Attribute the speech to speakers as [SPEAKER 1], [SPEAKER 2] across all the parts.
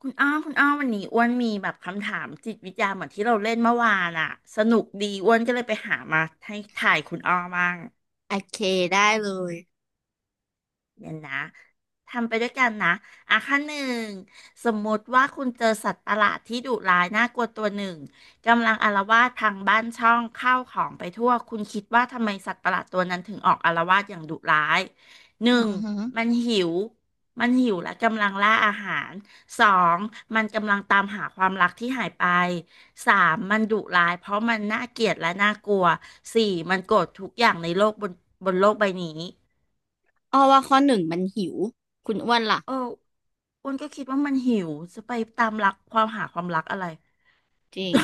[SPEAKER 1] คุณอ้อคุณอ้อวันนี้อ้วนมีแบบคำถามจิตวิทยาเหมือนที่เราเล่นเมื่อวานอะสนุกดีอ้วนก็เลยไปหามาให้ถ่ายคุณอ้อบ้าง
[SPEAKER 2] โอเคได้เลย
[SPEAKER 1] เดี๋ยวนะทำไปด้วยกันนะอ่ะขั้นหนึ่งสมมติว่าคุณเจอสัตว์ประหลาดที่ดุร้ายน่ากลัวตัวหนึ่งกำลังอาละวาดทางบ้านช่องข้าวของไปทั่วคุณคิดว่าทำไมสัตว์ประหลาดตัวนั้นถึงออกอาละวาดอย่างดุร้ายห
[SPEAKER 2] อื
[SPEAKER 1] นึ่ง
[SPEAKER 2] อห
[SPEAKER 1] มันหิวมันหิวและกำลังล่าอาหารสองมันกำลังตามหาความรักที่หายไปสามมันดุร้ายเพราะมันน่าเกลียดและน่ากลัวสี่มันโกรธทุกอย่างในโลกบนบนโลกใบนี้
[SPEAKER 2] อ้อว่าข้อหนึ่งมันหิว คุณอ้วนล่ะ
[SPEAKER 1] เอออ้วนก็คิดว่ามันหิวจะไปตามรักความหาความรักอะไร
[SPEAKER 2] จริง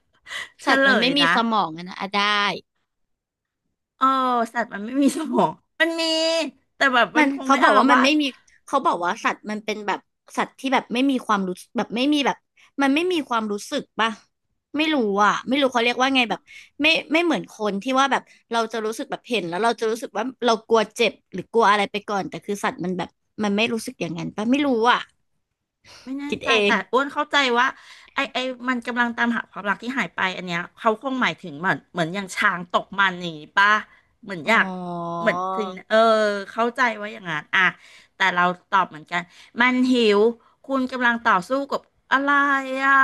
[SPEAKER 1] เฉ
[SPEAKER 2] สัตว์
[SPEAKER 1] ล
[SPEAKER 2] มัน
[SPEAKER 1] ย
[SPEAKER 2] ไม่มี
[SPEAKER 1] นะ
[SPEAKER 2] สมองอะนะอ่ะได้
[SPEAKER 1] เออสัตว์มันไม่มีสมองมันมีแต่แบบมั
[SPEAKER 2] มั
[SPEAKER 1] น
[SPEAKER 2] น
[SPEAKER 1] คง
[SPEAKER 2] เขา
[SPEAKER 1] ไม่
[SPEAKER 2] บอ
[SPEAKER 1] อา
[SPEAKER 2] ก
[SPEAKER 1] ละ
[SPEAKER 2] ว่ามัน
[SPEAKER 1] วา
[SPEAKER 2] ไม่
[SPEAKER 1] ด
[SPEAKER 2] มีเขาบอกว่าสัตว์มันเป็นแบบสัตว์ที่แบบไม่มีความรู้แบบไม่มีแบบมันไม่มีความรู้สึกป่ะไม่รู้อ่ะไม่รู้เขาเรียกว่าไงแบบไม่เหมือนคนที่ว่าแบบเราจะรู้สึกแบบเห็นแล้วเราจะรู้สึกว่าเรากลัวเจ็บหรือกลัวอะไรไปก่อนแต่คือสัตว์มันแบบมันไม่รู้สึกอย่างนั้นป่ะไม่รู้อ่ะ
[SPEAKER 1] ไม่แน่
[SPEAKER 2] คิด
[SPEAKER 1] ใจ
[SPEAKER 2] เอง
[SPEAKER 1] แต่อ้วนเข้าใจว่าไอไอมันกำลังตามหาความรักที่หายไปอันเนี้ยเขาคงหมายถึงเหมือนอย่างช้างตกมันอนี้ป่ะเหมือน
[SPEAKER 2] อ๋อ
[SPEAKER 1] อยากเหมือนถึงเออเข้าใจว่าอย่างนั้นอ่ะแต่เราตอบเหมือนกันมันหิวคุณกำลังต่อสู้กับอะไรอ่ะ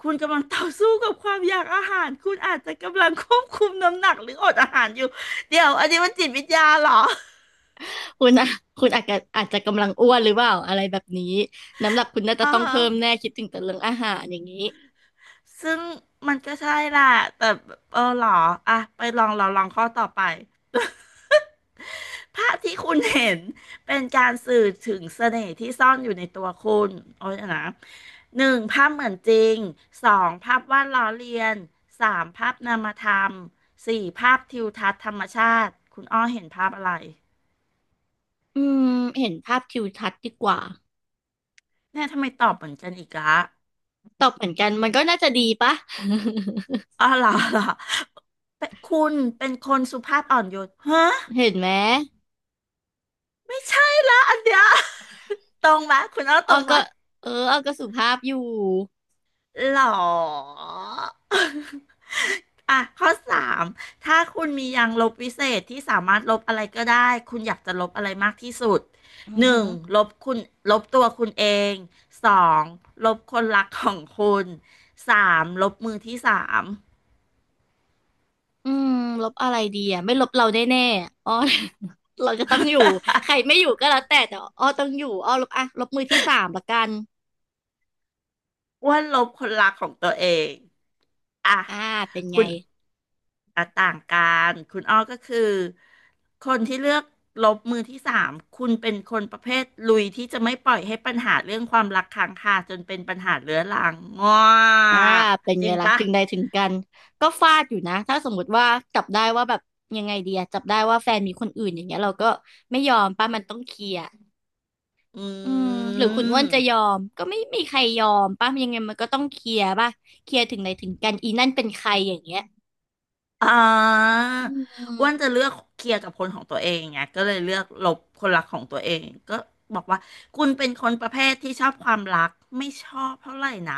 [SPEAKER 1] คุณกำลังต่อสู้กับความอยากอาหารคุณอาจจะกำลังควบคุมน้ำหนักหรืออดอาหารอยู่เดี๋ยวอันนี้มันจิตวิทยาเหรอ
[SPEAKER 2] คุณอะคุณอาจจะกำลังอ้วนหรือเปล่าอะไรแบบนี้ น้ำหนักคุณน่าจะ
[SPEAKER 1] อ่า
[SPEAKER 2] ต้องเพิ่มแน่คิดถึงแต่เรื่องอาหารอย่างนี้
[SPEAKER 1] ซึ่งมันก็ใช่แหละแต่เออหรออ่ะไปลองเราลองข้อต่อไปภาพที่คุณเห็นเป็นการสื่อถึงเสน่ห์ที่ซ่อนอยู่ในตัวคุณโอ้ยนะหนึ่งภาพเหมือนจริงสองภาพวาดล้อเลียนสามภาพนามธรรมสี่ภาพทิวทัศน์ธรรมชาติคุณอ้อเห็นภาพอะไร
[SPEAKER 2] อืมเห็นภาพทิวทัศน์ดีกว่า
[SPEAKER 1] เนี่ยทำไมตอบเหมือนกันอีกละ
[SPEAKER 2] ตอบเหมือนกันมันก็น่าจะดีปะ
[SPEAKER 1] อ๋อเหรอเป็นเป็นคนสุภาพอ่อนโยนฮะ
[SPEAKER 2] เห็นไหม
[SPEAKER 1] ไม่ใช่ละอันเดีย วตรงไหมคุณเอาต
[SPEAKER 2] อ้อ
[SPEAKER 1] รงไหม
[SPEAKER 2] ก็เอออ้อก็สุภาพอยู่
[SPEAKER 1] หรออ่ะข้อสามถ้าคุณมียางลบวิเศษที่สามารถลบอะไรก็ได้ คุณอยากจะลบอะไรมากที่สุด
[SPEAKER 2] อือ
[SPEAKER 1] ห
[SPEAKER 2] ฮะ
[SPEAKER 1] นึ่งลบคุณลบตัวคุณเองสองลบคนรักของคุณสามลบมือที่สาม
[SPEAKER 2] อืมลบอะไรดีอะไม่ลบเราแน่ๆอะอ้อ เราจะต้องอยู่ ใครไม่อยู่ก็แล้วแต่แต่อ้อต้องอยู่อ้อลบอ่ะลบมือที่สามละกัน
[SPEAKER 1] อ้ว่าลบคนรักของตัวเองอ่ะ
[SPEAKER 2] อ่าเป็นไง
[SPEAKER 1] คุณ อ่ะต่างกันคุณอ้อก็คือคนที่เลือกลบมือที่สาม คุณเป็นคนประเภทลุยที่จะไม่ปล่อยให้ปัญหาเรื่องความรักค้างคาจนเป็นปัญหาเรื้อรังง้อ
[SPEAKER 2] อ่าเป็น
[SPEAKER 1] จ
[SPEAKER 2] ไง
[SPEAKER 1] ริง
[SPEAKER 2] ล่ะ
[SPEAKER 1] ปะ
[SPEAKER 2] ถึงใดถึงกันก็ฟาดอยู่นะถ้าสมมติว่าจับได้ว่าแบบยังไงดีอะจับได้ว่าแฟนมีคนอื่นอย่างเงี้ยเราก็ไม่ยอมป้ามันต้องเคลียร์
[SPEAKER 1] อ
[SPEAKER 2] อืม
[SPEAKER 1] ื
[SPEAKER 2] หรือคุณอ้วนจะ
[SPEAKER 1] ม
[SPEAKER 2] ยอมก็ไม่มีใครยอมป้ายังไงมันก็ต้องเคลียร์ป่ะเคลียร์ถึงใดถึงกันอีนั่นเป็นใครอย่างเงี้ย
[SPEAKER 1] อ่า
[SPEAKER 2] อืม
[SPEAKER 1] อ้วนจะเลือกเคลียร์กับคนของตัวเองไงก็เลยเลือกลบคนรักของตัวเองก็บอกว่าคุณเป็นคนประเภทที่ชอบความรักไม่ชอบเท่าไหร่นะ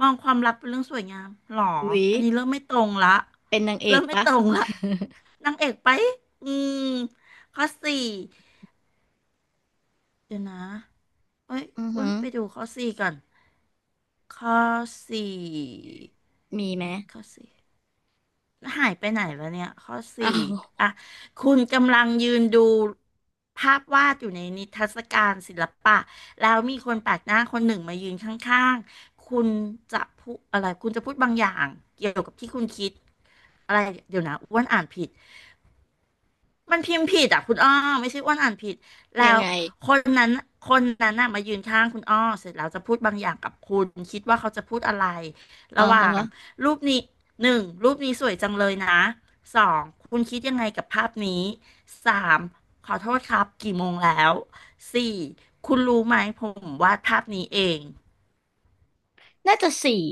[SPEAKER 1] มองความรักเป็นเรื่องสวยงามหรอ
[SPEAKER 2] อุ๊ย
[SPEAKER 1] อันนี้เริ่มไม่ตรงละ
[SPEAKER 2] เป็นนางเอ
[SPEAKER 1] เริ่
[SPEAKER 2] ก
[SPEAKER 1] มไม่
[SPEAKER 2] ป่ะ
[SPEAKER 1] ตรงละนางเอกไปอืมข้อสี่เดี๋ยวนะเอ้ย
[SPEAKER 2] อือ
[SPEAKER 1] อ้ว
[SPEAKER 2] หื
[SPEAKER 1] น
[SPEAKER 2] อ
[SPEAKER 1] ไปดูข้อสี่ก่อนข้อสี่
[SPEAKER 2] มีไหม
[SPEAKER 1] ข้อสี่ หายไปไหนวะเนี่ยข้อ
[SPEAKER 2] อ้า
[SPEAKER 1] สี่
[SPEAKER 2] ว
[SPEAKER 1] อ่ะคุณกำลังยืนดูภาพวาดอยู่ในนิทรรศการศิลปะแล้วมีคนแปลกหน้าคนหนึ่งมายืนข้างๆคุณจะพูดอะไรคุณจะพูดบางอย่างเกี่ยวกับที่คุณคิดอะไรเดี๋ยวนะอ้วนอ่านผิด มันพิมพ์ผิดอ่ะคุณอ้อไม่ใช่อ้วนอ่านผิด
[SPEAKER 2] ยั
[SPEAKER 1] แล้
[SPEAKER 2] ง
[SPEAKER 1] ว
[SPEAKER 2] ไง
[SPEAKER 1] คนนั้นคนนั้นน่ะมายืนข้างคุณอ้อเสร็จแล้วจะพูดบางอย่างกับคุณคิดว่าเขาจะพูดอะไร
[SPEAKER 2] อ่า
[SPEAKER 1] ระห
[SPEAKER 2] ฮะ
[SPEAKER 1] ว่างรูปนี้หนึ่งรูปนี้สวยจังเลยนะสองคุณคิดยังไงกับภาพนี้สามขอโทษครับกี่โมงแล้วสี่คุณรู้ไหมผมวาดภาพนี้เอง
[SPEAKER 2] น่าจะสี่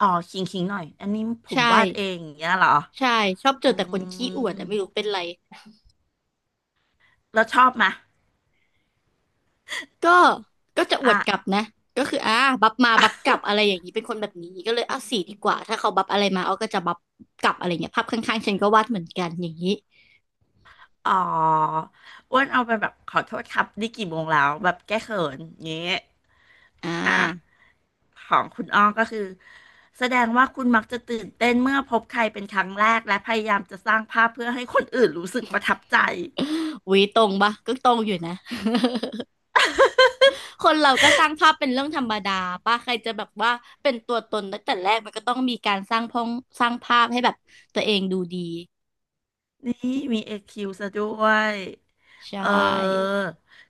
[SPEAKER 1] อ๋อคิงหน่อยอันนี้ผม
[SPEAKER 2] ใช่
[SPEAKER 1] วาดเองอย่างเงี้ยเหรอ
[SPEAKER 2] ใช่ชอบเจ
[SPEAKER 1] อื
[SPEAKER 2] อแต่คนขี้อวด
[SPEAKER 1] ม
[SPEAKER 2] อะไม่รู้เป็นไร
[SPEAKER 1] แล้วชอบไหมย
[SPEAKER 2] ก็ก็จะอว
[SPEAKER 1] อ่ะ
[SPEAKER 2] ดกลับนะ ก็คืออ่าบัฟมา บัฟกลับอะไรอย่างนี้เป็นคนแบบนี้ ก็เลยเอาสีดีกว่า ถ้าเขาบัฟอะไรมาเอาก็จะบัฟกลับอะไรเงี้ย ภาพข้างๆฉันก็วาดเหมือนกัน อย่างนี้
[SPEAKER 1] อ๋ออ้วนเอาไปแบบขอโทษครับนี่กี่โมงแล้วแบบแก้เขินเงี้ย
[SPEAKER 2] อ่า
[SPEAKER 1] อ่ะของคุณอ้อก็คือแสดงว่าคุณมักจะตื่นเต้นเมื่อพบใครเป็นครั้งแรกและพยายามจะสร้างภาพเพื่อให้คนอื่นรู้สึกประทับใจ
[SPEAKER 2] วีตรงปะก็ตรงอยู่นะ คนเราก็สร้างภาพเป็นเรื่องธรรมดาป่ะใครจะแบบว่า เป็นตัวตนตั้งแต่แรกมันก็ต้องมีการสร้างพองสร้างภาพให้แบบตัวเองดูดี
[SPEAKER 1] นี่มีเอคิวซะด้วย
[SPEAKER 2] ใช
[SPEAKER 1] เออ
[SPEAKER 2] ่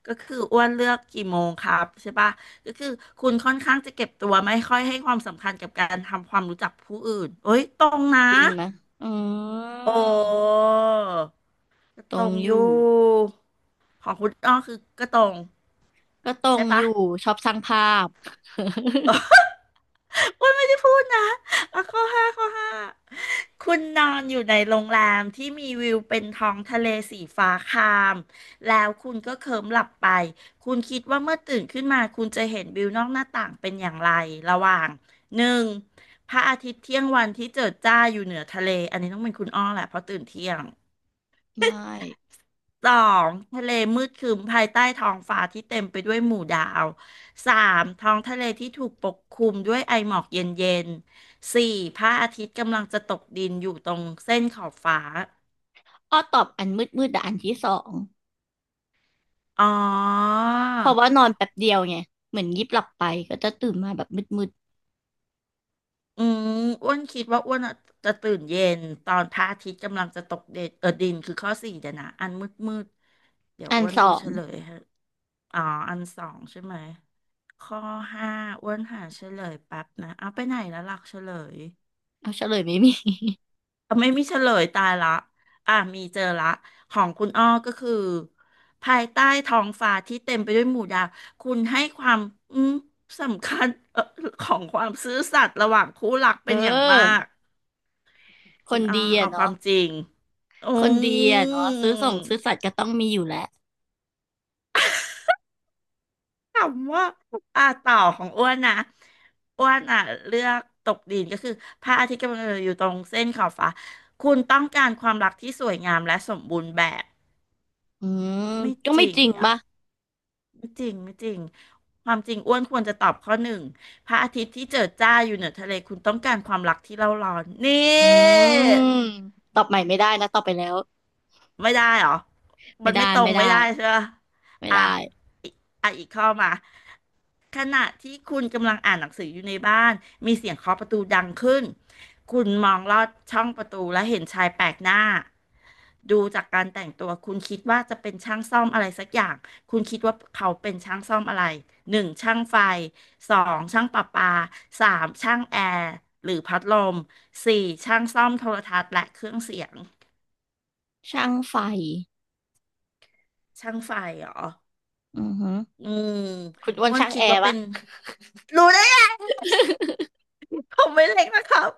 [SPEAKER 1] ก็คืออ้วนเลือกกี่โมงครับใช่ปะก็คือคุณค่อนข้างจะเก็บตัวไม่ค่อยให้ความสำคัญกับการทำความรู้จักผู้อื่นเอ้ยตรงนะ
[SPEAKER 2] จริงไหมะอื
[SPEAKER 1] โอ
[SPEAKER 2] ม
[SPEAKER 1] ้ก็
[SPEAKER 2] ต
[SPEAKER 1] ต
[SPEAKER 2] ร
[SPEAKER 1] ร
[SPEAKER 2] ง
[SPEAKER 1] ง
[SPEAKER 2] อ
[SPEAKER 1] อยู่
[SPEAKER 2] ยู่
[SPEAKER 1] ของคุณอ้อคือก็ตรง
[SPEAKER 2] ก็ตร
[SPEAKER 1] ใช่
[SPEAKER 2] งอ
[SPEAKER 1] ปะ
[SPEAKER 2] ยู่ชอบสร้างภาพ
[SPEAKER 1] อ้วนไม่ได้พูดนะอ่ะข้อห้าคุณนอนอยู่ในโรงแรมที่มีวิวเป็นท้องทะเลสีฟ้าครามแล้วคุณก็เคลิ้มหลับไปคุณคิดว่าเมื่อตื่นขึ้นมาคุณจะเห็นวิวนอกหน้าต่างเป็นอย่างไรระหว่างหนึ่งพระอาทิตย์เที่ยงวันที่เจิดจ้าอยู่เหนือทะเลอันนี้ต้องเป็นคุณอ้อแหละเพราะตื่นเที่ยง
[SPEAKER 2] ไม่
[SPEAKER 1] สองทะเลมืดครึ้มภายใต้ท้องฟ้าที่เต็มไปด้วยหมู่ดาวสามท้องทะเลที่ถูกปกคลุมด้วยไอหมอกเย็นๆสี่พระอาทิตย์กำลังจะตกดินอยู่ตรงเส้นขอบฟ้า
[SPEAKER 2] อ้อตอบอันมืดมืดแต่อันที่สอง
[SPEAKER 1] อ๋อ
[SPEAKER 2] เพราะว่านอนแป๊บเดียวไงเหมือนยิบหลับไปก็จะตื่นมาแบบมืดมืด
[SPEAKER 1] อืมอ้วนคิดว่าอ้วนอะจะตื่นเย็นตอนพระอาทิตย์กำลังจะตกเดดเออดินคือข้อสี่เดี๋ยวนะอันมืดมืดเดี๋ยว
[SPEAKER 2] อัน
[SPEAKER 1] อ้วน
[SPEAKER 2] ส
[SPEAKER 1] ดู
[SPEAKER 2] อง
[SPEAKER 1] เฉลยให้อ๋ออันสองใช่ไหมข้อห้าอ้วนหาเฉลยแป๊บนะเอาไปไหนแล้วหลักเฉลย
[SPEAKER 2] เอาเฉลยไม่มี
[SPEAKER 1] เอาไม่มีเฉลยตายละอ่ะมีเจอละของคุณอ้อก็คือภายใต้ท้องฟ้าที่เต็มไปด้วยหมู่ดาวคุณให้ความอืมสำคัญของความซื่อสัตย์ระหว่างคู่รัก
[SPEAKER 2] เ
[SPEAKER 1] เป็นอย่างมา
[SPEAKER 2] อ
[SPEAKER 1] ก
[SPEAKER 2] อค
[SPEAKER 1] คุ
[SPEAKER 2] น
[SPEAKER 1] ณอ้อ
[SPEAKER 2] ดีอะ
[SPEAKER 1] เอาควา
[SPEAKER 2] เนาะ
[SPEAKER 1] มจริงอื
[SPEAKER 2] คนดีอะเนาะซื้อส่
[SPEAKER 1] ม
[SPEAKER 2] งซื้อสัตย์ก็ต้องมีอยู่แหละ
[SPEAKER 1] ถามว่าต่อของอ้วนนะอ้วนอ่ะเลือกตกดินก็คือพระอาทิตย์กำลังอยู่ตรงเส้นขอบฟ้าคุณต้องการความรักที่สวยงามและสมบูรณ์แบบ
[SPEAKER 2] อืม
[SPEAKER 1] ไม่
[SPEAKER 2] ก็
[SPEAKER 1] จ
[SPEAKER 2] ไม่
[SPEAKER 1] ริง
[SPEAKER 2] จริง
[SPEAKER 1] อ่ะ
[SPEAKER 2] ปะ
[SPEAKER 1] ไม่จริงไม่จริงความจริงอ้วนควรจะตอบข้อหนึ่งพระอาทิตย์ที่เจิดจ้าอยู่เหนือทะเลคุณต้องการความรักที่เร่าร้อนนี่
[SPEAKER 2] อืมตอบใหม่ไม่ได้นะตอบไปแล้ว
[SPEAKER 1] ไม่ได้เหรอ
[SPEAKER 2] ไม่
[SPEAKER 1] มัน
[SPEAKER 2] ได้
[SPEAKER 1] ไม่ตร
[SPEAKER 2] ไม่
[SPEAKER 1] ง
[SPEAKER 2] ได้
[SPEAKER 1] ไม่ได้ใช่ปะ
[SPEAKER 2] ไม่
[SPEAKER 1] อ่ะ
[SPEAKER 2] ได้
[SPEAKER 1] อีกอ่ะอีกข้อมาขณะที่คุณกำลังอ่านหนังสืออยู่ในบ้านมีเสียงเคาะประตูดังขึ้น คุณมองลอดช่องประตูและเห็นชายแปลกหน้าดูจากการแต่งตัวคุณคิดว่าจะเป็นช่างซ่อมอะไรสักอย่างคุณคิดว่าเขาเป็นช่างซ่อมอะไรหนึ่งช่างไฟสองช่างประปาสามช่างแอร์หรือพัดลมสี่ช่างซ่อมโทรทัศน์และเครื่องเสียง
[SPEAKER 2] ช่างไฟ
[SPEAKER 1] ช่างไฟเหรอ
[SPEAKER 2] อือฮึ
[SPEAKER 1] อืม
[SPEAKER 2] คุณอ้วน
[SPEAKER 1] อ้วน
[SPEAKER 2] ช่าง
[SPEAKER 1] คิ
[SPEAKER 2] แอ
[SPEAKER 1] ดว่า
[SPEAKER 2] ร์
[SPEAKER 1] เป็
[SPEAKER 2] ปะ
[SPEAKER 1] นรู้ได้ไงผมไม่เล็กนะครับ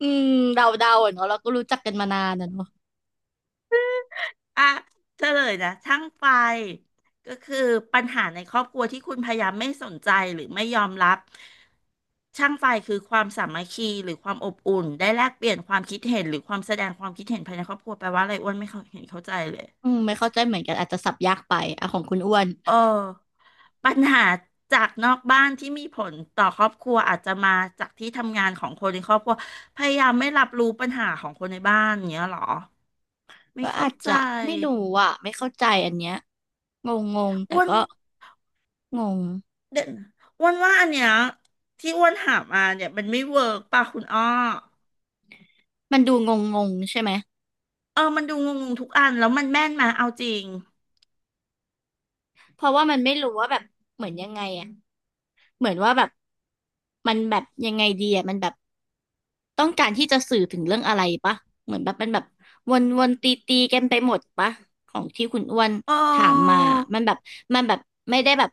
[SPEAKER 2] อืมเดาอะเนาะเราก็รู้จักกันมานานอะเนาะ
[SPEAKER 1] อ่ะเฉลยนะช่างไฟก็คือปัญหาในครอบครัวที่คุณพยายามไม่สนใจหรือไม่ยอมรับ ช่างไฟคือความสามัคคีหรือความอบอุ่นได้แลกเปลี่ยนความคิดเห็นหรือความแสดงความคิดเห็นภายในครอบครัวแปลว่าอะไรอ้วนไม่เข้าเห็นเข้าใจเลย
[SPEAKER 2] อืมไม่เข้าใจเหมือนกันอาจจะสับยากไปอ่ะของคุณอ้วน
[SPEAKER 1] เออปัญหาจากนอกบ้านที่มีผลต่อครอบครัวอาจจะมาจากที่ทำงานของคนในครอบครัวพยายามไม่รับรู้ปัญหาของคนในบ้านอย่างเงี้ยเหรอ ไม่
[SPEAKER 2] ก็อา
[SPEAKER 1] เข้า
[SPEAKER 2] จ
[SPEAKER 1] ใจ
[SPEAKER 2] จะไม่รู้อ่ะไม่เข้าใจอันเนี้ยงงงงแต่
[SPEAKER 1] อ้วน
[SPEAKER 2] ก็งง
[SPEAKER 1] เด่นอ้วนว่าอันเนี้ยที่อ้วนหามาเนี่ยมันไม่เวิร์กป่ะคุณอ้อ
[SPEAKER 2] มันดูงงงงใช่ไหม
[SPEAKER 1] เออมันดูงงๆทุกอันแล้วมันแม่นมาเอาจริง
[SPEAKER 2] เพราะว่ามันไม่รู้ว่าแบบเหมือนยังไงอ่ะ เหมือนว่าแบบมันแบบยังไงดีอ่ะมันแบบต้องการที่จะสื่อถึงเรื่องอะไรปะเหมือนแบบมันแบบวนวนตีตีกันไปหมดปะของที่คุณอ้วน
[SPEAKER 1] เ
[SPEAKER 2] ถามมา
[SPEAKER 1] ออ
[SPEAKER 2] มันแบบมันแบบไม่ได้แบบ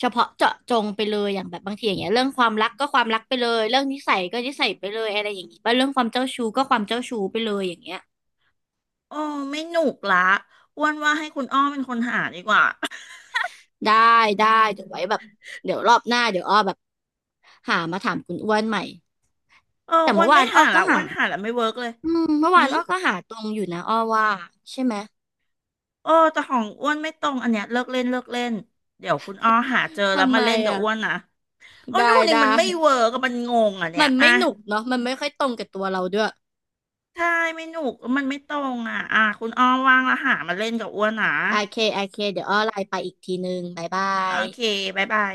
[SPEAKER 2] เฉพาะเจาะจงไปเลยอย่างแบบบางทีอย่างเงี้ยเรื่องความรักก็ความรักไปเลยเรื่องนิสัยก็นิสัยไปเลยอะไรอย่างงี้ปะเรื่องความเจ้าชู้ก็ความเจ้าชู้ไปเลยอย่างเงี้ย
[SPEAKER 1] เออไม่หนุกละอ้วนว่าให้คุณอ้อเป็นคนหาดีกว่า
[SPEAKER 2] ได้ได้เดี๋ยวไว้แบบเดี๋ยวรอบหน้าเดี๋ยวอ้อแบบหามาถามคุณอ้วนใหม่
[SPEAKER 1] เออ
[SPEAKER 2] แต่
[SPEAKER 1] อ้ว
[SPEAKER 2] เมื่อ
[SPEAKER 1] น
[SPEAKER 2] วา
[SPEAKER 1] ไม่
[SPEAKER 2] นอ้อ
[SPEAKER 1] หา
[SPEAKER 2] ก็
[SPEAKER 1] ละอ้
[SPEAKER 2] หา
[SPEAKER 1] วนหาละไม่เวิร์กเลย
[SPEAKER 2] อืมเมื่อ
[SPEAKER 1] หื
[SPEAKER 2] วาน
[SPEAKER 1] ม
[SPEAKER 2] อ้อก็หาตรงอยู่นะอ้อว่าใช่ไหม
[SPEAKER 1] เออแต่ของอ้วนไม่ตรงอันเนี้ยเลิกเล่นเลิกเล่นเดี๋ยวคุณอ้อหาเจอ แล้ว
[SPEAKER 2] ทำไม
[SPEAKER 1] มาเล่นกับ
[SPEAKER 2] อ่ะ
[SPEAKER 1] อ้วนนะอ้วน
[SPEAKER 2] ได้
[SPEAKER 1] ดูนี่
[SPEAKER 2] ได้
[SPEAKER 1] มันไม่เวิร์กอะมันงงอ่ะ เนี่
[SPEAKER 2] มั
[SPEAKER 1] ย
[SPEAKER 2] นไม่
[SPEAKER 1] อะ
[SPEAKER 2] หนุกเนาะมันไม่ค่อยตรงกับตัวเราด้วย
[SPEAKER 1] ใช่ไม่หนุกมันไม่ตรงอ่ะอ่ะคุณอ้อมว่างแล้วหามาเล่นกับอ้วนนะ
[SPEAKER 2] โอเคโอเคเดี๋ยวอ้อไลน์ไปอีกทีนึงบ๊ายบา
[SPEAKER 1] โอ
[SPEAKER 2] ย
[SPEAKER 1] เคบ๊ายบาย